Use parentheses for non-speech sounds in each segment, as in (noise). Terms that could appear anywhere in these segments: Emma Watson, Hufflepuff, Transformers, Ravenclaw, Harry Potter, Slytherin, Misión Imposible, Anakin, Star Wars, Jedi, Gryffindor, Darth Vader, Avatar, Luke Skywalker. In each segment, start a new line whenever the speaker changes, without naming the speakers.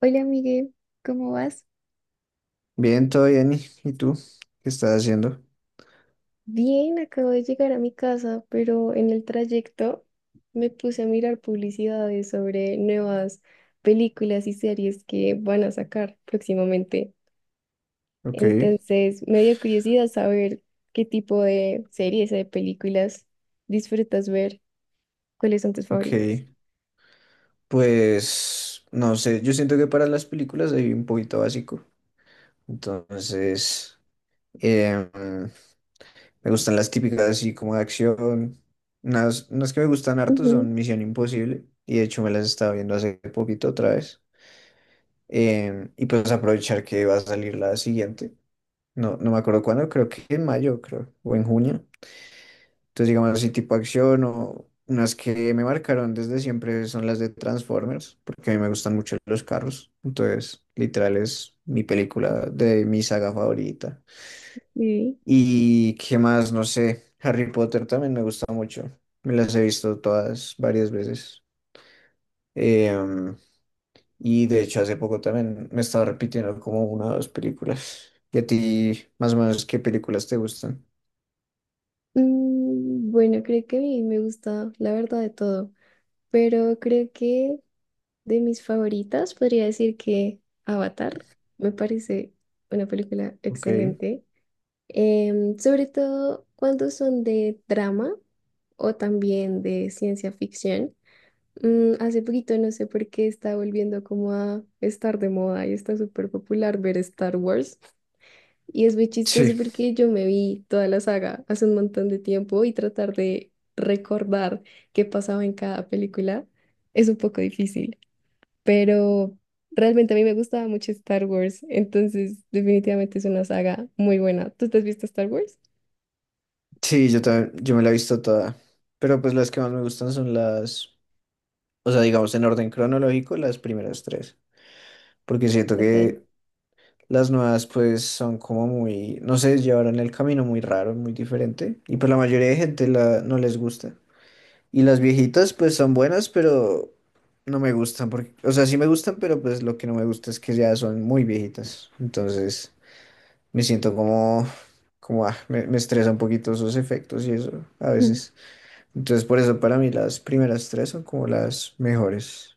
Hola, Miguel, ¿cómo vas?
Bien, todo bien. ¿Y tú? ¿Qué estás haciendo?
Bien, acabo de llegar a mi casa, pero en el trayecto me puse a mirar publicidades sobre nuevas películas y series que van a sacar próximamente.
Ok,
Entonces, me dio curiosidad saber qué tipo de series o de películas disfrutas ver, cuáles son tus favoritas.
ok. Pues no sé, yo siento que para las películas soy un poquito básico. Entonces, em, me gustan las típicas así como de acción. Unas que me gustan harto
Ujú,
son Misión Imposible. Y de hecho me las estaba viendo hace poquito otra vez. Y pues aprovechar que va a salir la siguiente. No, no me acuerdo cuándo, creo que en mayo, creo, o en junio. Entonces, digamos así, tipo acción o unas que me marcaron desde siempre son las de Transformers, porque a mí me gustan mucho los carros. Entonces, literal es mi película de mi saga favorita.
sí.
Y qué más, no sé, Harry Potter también me gusta mucho. Me las he visto todas varias veces. Em, y de hecho, hace poco también me estaba repitiendo como una o dos películas. ¿Y a ti, más o menos, qué películas te gustan?
Mm, bueno, creo que a mí me gusta la verdad de todo, pero creo que de mis favoritas, podría decir que Avatar me parece una película
Ok.
excelente, sobre todo cuando son de drama o también de ciencia ficción. Mm, hace poquito no sé por qué está volviendo como a estar de moda y está súper popular ver Star Wars. Y es muy
Sí.
chistoso porque yo me vi toda la saga hace un montón de tiempo y tratar de recordar qué pasaba en cada película es un poco difícil, pero realmente a mí me gustaba mucho Star Wars, entonces definitivamente es una saga muy buena. ¿Tú te has visto Star Wars?
Sí, yo también, yo me la he visto toda. Pero pues las que más me gustan son o sea, digamos en orden cronológico, las primeras tres. Porque siento
Total.
que las nuevas pues son como muy, no sé, llevaron el camino muy raro, muy diferente. Y pues la mayoría de no les gusta. Y las viejitas pues son buenas, pero no me gustan. Porque, o sea, sí me gustan, pero pues lo que no me gusta es que ya son muy viejitas. Entonces me siento como, como, ah, me estresa un poquito esos efectos y eso a
(laughs)
veces. Entonces, por eso para mí las primeras tres son como las mejores.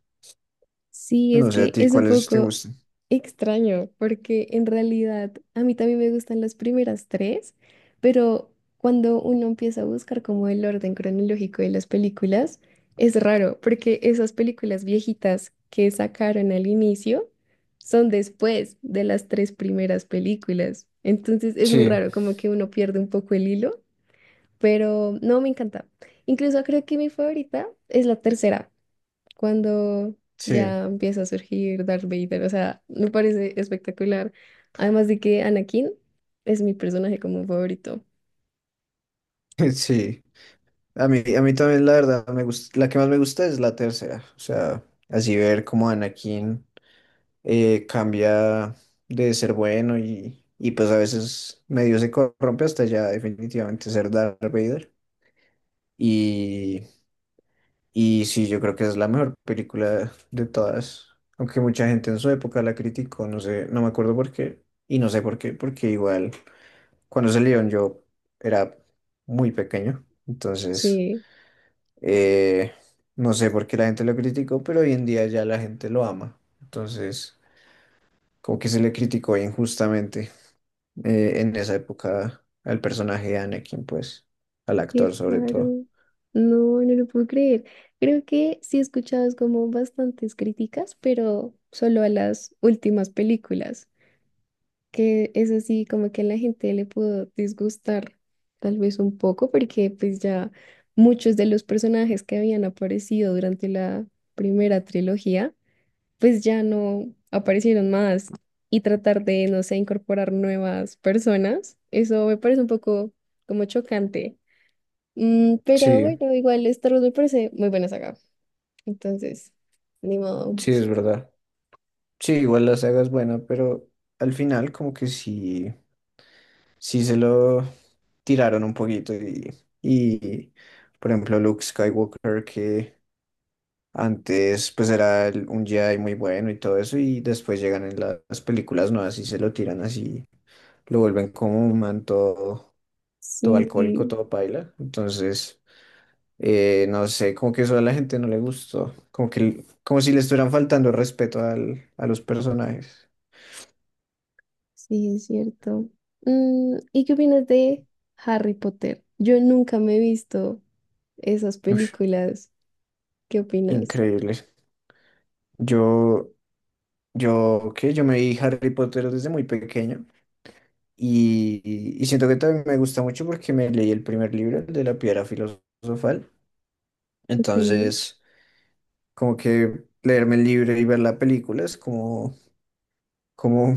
Sí, es
No sé a
que
ti
es un
cuáles te
poco
gustan.
extraño porque en realidad a mí también me gustan las primeras tres, pero cuando uno empieza a buscar como el orden cronológico de las películas, es raro porque esas películas viejitas que sacaron al inicio son después de las tres primeras películas. Entonces es muy
Sí,
raro, como que uno pierde un poco el hilo, pero no, me encanta. Incluso creo que mi favorita es la tercera cuando
sí,
ya empieza a surgir Darth Vader. O sea, me parece espectacular. Además de que Anakin es mi personaje como favorito.
(laughs) sí. A mí también la verdad me gusta, la que más me gusta es la tercera. O sea, así ver cómo Anakin cambia de ser bueno y pues a veces medio se corrompe hasta ya definitivamente ser Darth Vader. Y, Y sí, yo creo que es la mejor película de todas. Aunque mucha gente en su época la criticó, no sé, no me acuerdo por qué. Y no sé por qué, porque igual cuando salieron yo era muy pequeño. Entonces,
Sí,
eh, no sé por qué la gente lo criticó, pero hoy en día ya la gente lo ama. Entonces, como que se le criticó injustamente en esa época al personaje de Anakin, pues, al actor
qué
sobre
raro.
todo.
No, no lo puedo creer. Creo que sí he escuchado es como bastantes críticas, pero solo a las últimas películas, que es así como que a la gente le pudo disgustar tal vez un poco, porque pues ya muchos de los personajes que habían aparecido durante la primera trilogía pues ya no aparecieron más y tratar de, no sé, incorporar nuevas personas, eso me parece un poco como chocante. Mm, pero
Sí,
bueno, igual Star Wars me parece muy buena saga. Entonces, ni modo.
sí, es verdad. Sí, igual la saga es buena, pero al final como que sí, sí se lo tiraron un poquito y por ejemplo Luke Skywalker que antes pues era un Jedi muy bueno y todo eso y después llegan en las películas nuevas y se lo tiran así, lo vuelven como un man todo, todo alcohólico,
Sí,
todo paila, entonces no sé, como que eso a la gente no le gustó, como que como si le estuvieran faltando el respeto a los personajes.
sí, es cierto. Mm, ¿y qué opinas de Harry Potter? Yo nunca me he visto esas
Ush.
películas. ¿Qué opinas?
Increíble. Yo, yo, ¿qué? Yo me vi Harry Potter desde muy pequeño y, y siento que también me gusta mucho porque me leí el primer libro, el de la piedra filosofal.
Ok,
Entonces, como que leerme el libro y ver la película es como, como,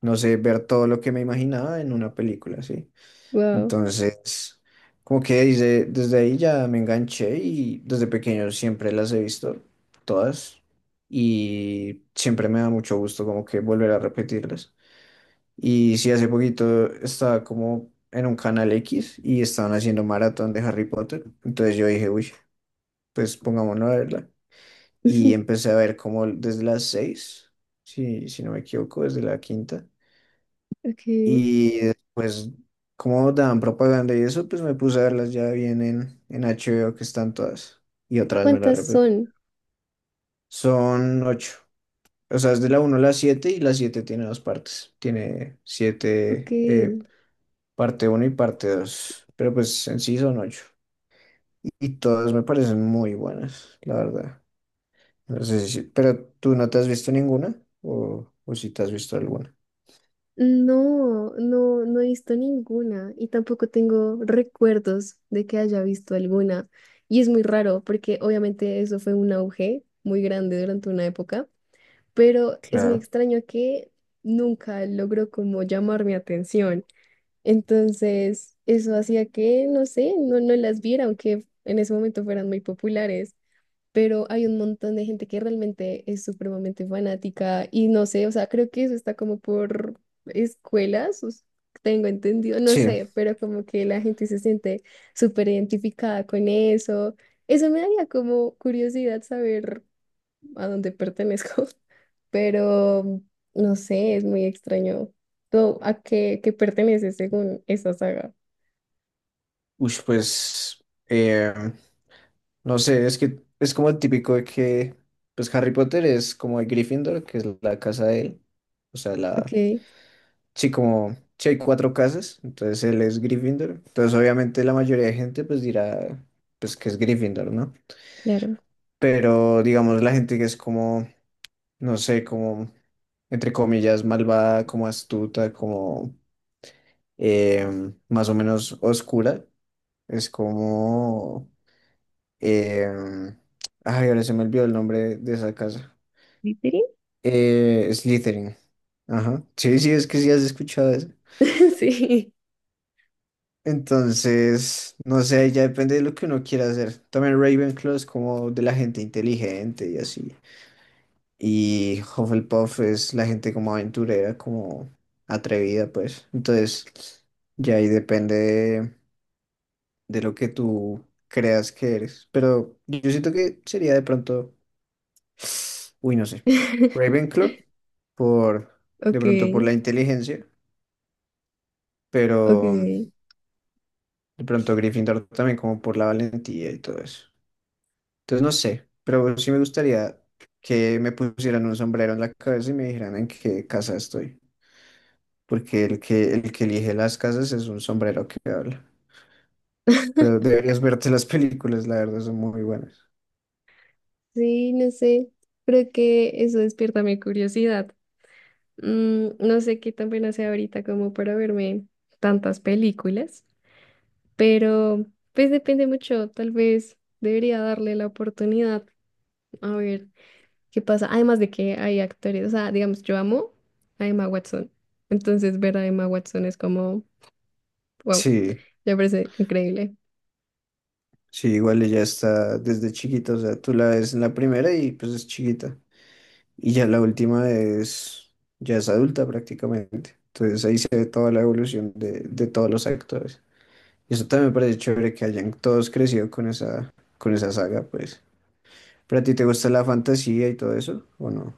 no sé, ver todo lo que me imaginaba en una película, ¿sí?
wow.
Entonces, como que desde, desde ahí ya me enganché y desde pequeño siempre las he visto todas y siempre me da mucho gusto como que volver a repetirlas. Y sí, hace poquito estaba como en un canal X y estaban haciendo maratón de Harry Potter. Entonces yo dije, uy, pues pongámonos a verla. Y
(laughs)
empecé a ver como desde las seis, si, si no me equivoco, desde la quinta.
Ok.
Y después, como daban propaganda y eso, pues me puse a verlas ya bien en HBO, que están todas. Y otra vez me las
¿Cuántas
repetí.
son?
Son ocho. O sea, es de la uno a la 7 y la 7 tiene dos partes. Tiene
Ok.
siete parte uno y parte 2, pero pues en sí son ocho. Y todas me parecen muy buenas, la verdad. No sé si, pero tú no te has visto ninguna o si te has visto alguna.
No, no no he visto ninguna y tampoco tengo recuerdos de que haya visto alguna. Y es muy raro porque obviamente eso fue un auge muy grande durante una época, pero es muy
Claro.
extraño que nunca logró como llamar mi atención. Entonces, eso hacía que, no sé, no las viera, aunque en ese momento fueran muy populares, pero hay un montón de gente que realmente es supremamente fanática y no sé, o sea, creo que eso está como por escuelas, tengo entendido, no
Sí,
sé, pero como que la gente se siente súper identificada con eso. Eso me daría como curiosidad saber a dónde pertenezco, (laughs) pero no sé, es muy extraño. ¿Tú a qué perteneces según esa saga?
uy, pues no sé, es que es como el típico de que pues Harry Potter es como el Gryffindor, que es la casa de él. O sea,
Ok,
la sí, como sí hay cuatro casas, entonces él es Gryffindor. Entonces, obviamente, la mayoría de gente pues dirá pues que es Gryffindor, ¿no?
claro.
Pero digamos, la gente que es como, no sé, como, entre comillas, malvada, como astuta, como más o menos oscura, es como... em, ay, ahora se me olvidó el nombre de esa casa.
¿Slytherin?
Slytherin. Ajá. Sí, sí, es que sí has escuchado eso.
(laughs) Sí.
Entonces, no sé, ya depende de lo que uno quiera hacer. También Ravenclaw es como de la gente inteligente y así. Y Hufflepuff es la gente como aventurera, como atrevida, pues. Entonces, ya ahí depende de lo que tú creas que eres. Pero yo siento que sería de pronto, (sighs) uy, no sé,
(laughs)
Ravenclaw, por, de
Ok.
pronto por la inteligencia,
Ok,
pero de pronto Gryffindor también como por la valentía y todo eso. Entonces, no sé, pero sí me gustaría que me pusieran un sombrero en la cabeza y me dijeran en qué casa estoy. Porque el que elige las casas es un sombrero que habla. Pero deberías verte las (laughs) películas, la verdad, son muy buenas.
sí, no sé, creo que eso despierta mi curiosidad. Mm, no sé qué tan buena sea ahorita como para verme tantas películas, pero pues depende mucho, tal vez debería darle la oportunidad a ver qué pasa. Además de que hay actores, o sea, digamos, yo amo a Emma Watson, entonces ver a Emma Watson es como, wow,
Sí,
me parece increíble.
sí, igual ella está desde chiquita, o sea, tú la ves en la primera y pues es chiquita. Y ya la última es, ya es adulta prácticamente. Entonces ahí se ve toda la evolución de todos los actores. Y eso también me parece chévere que hayan todos crecido con esa saga, pues. ¿Pero a ti te gusta la fantasía y todo eso? ¿O no?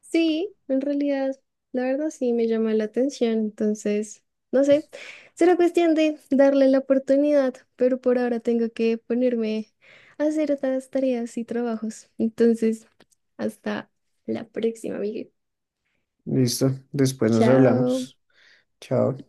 Sí, en realidad, la verdad sí me llama la atención, entonces, no sé, será cuestión de darle la oportunidad, pero por ahora tengo que ponerme a hacer otras tareas y trabajos. Entonces, hasta la próxima, amiga.
Listo, después nos
Chao.
hablamos. Chao.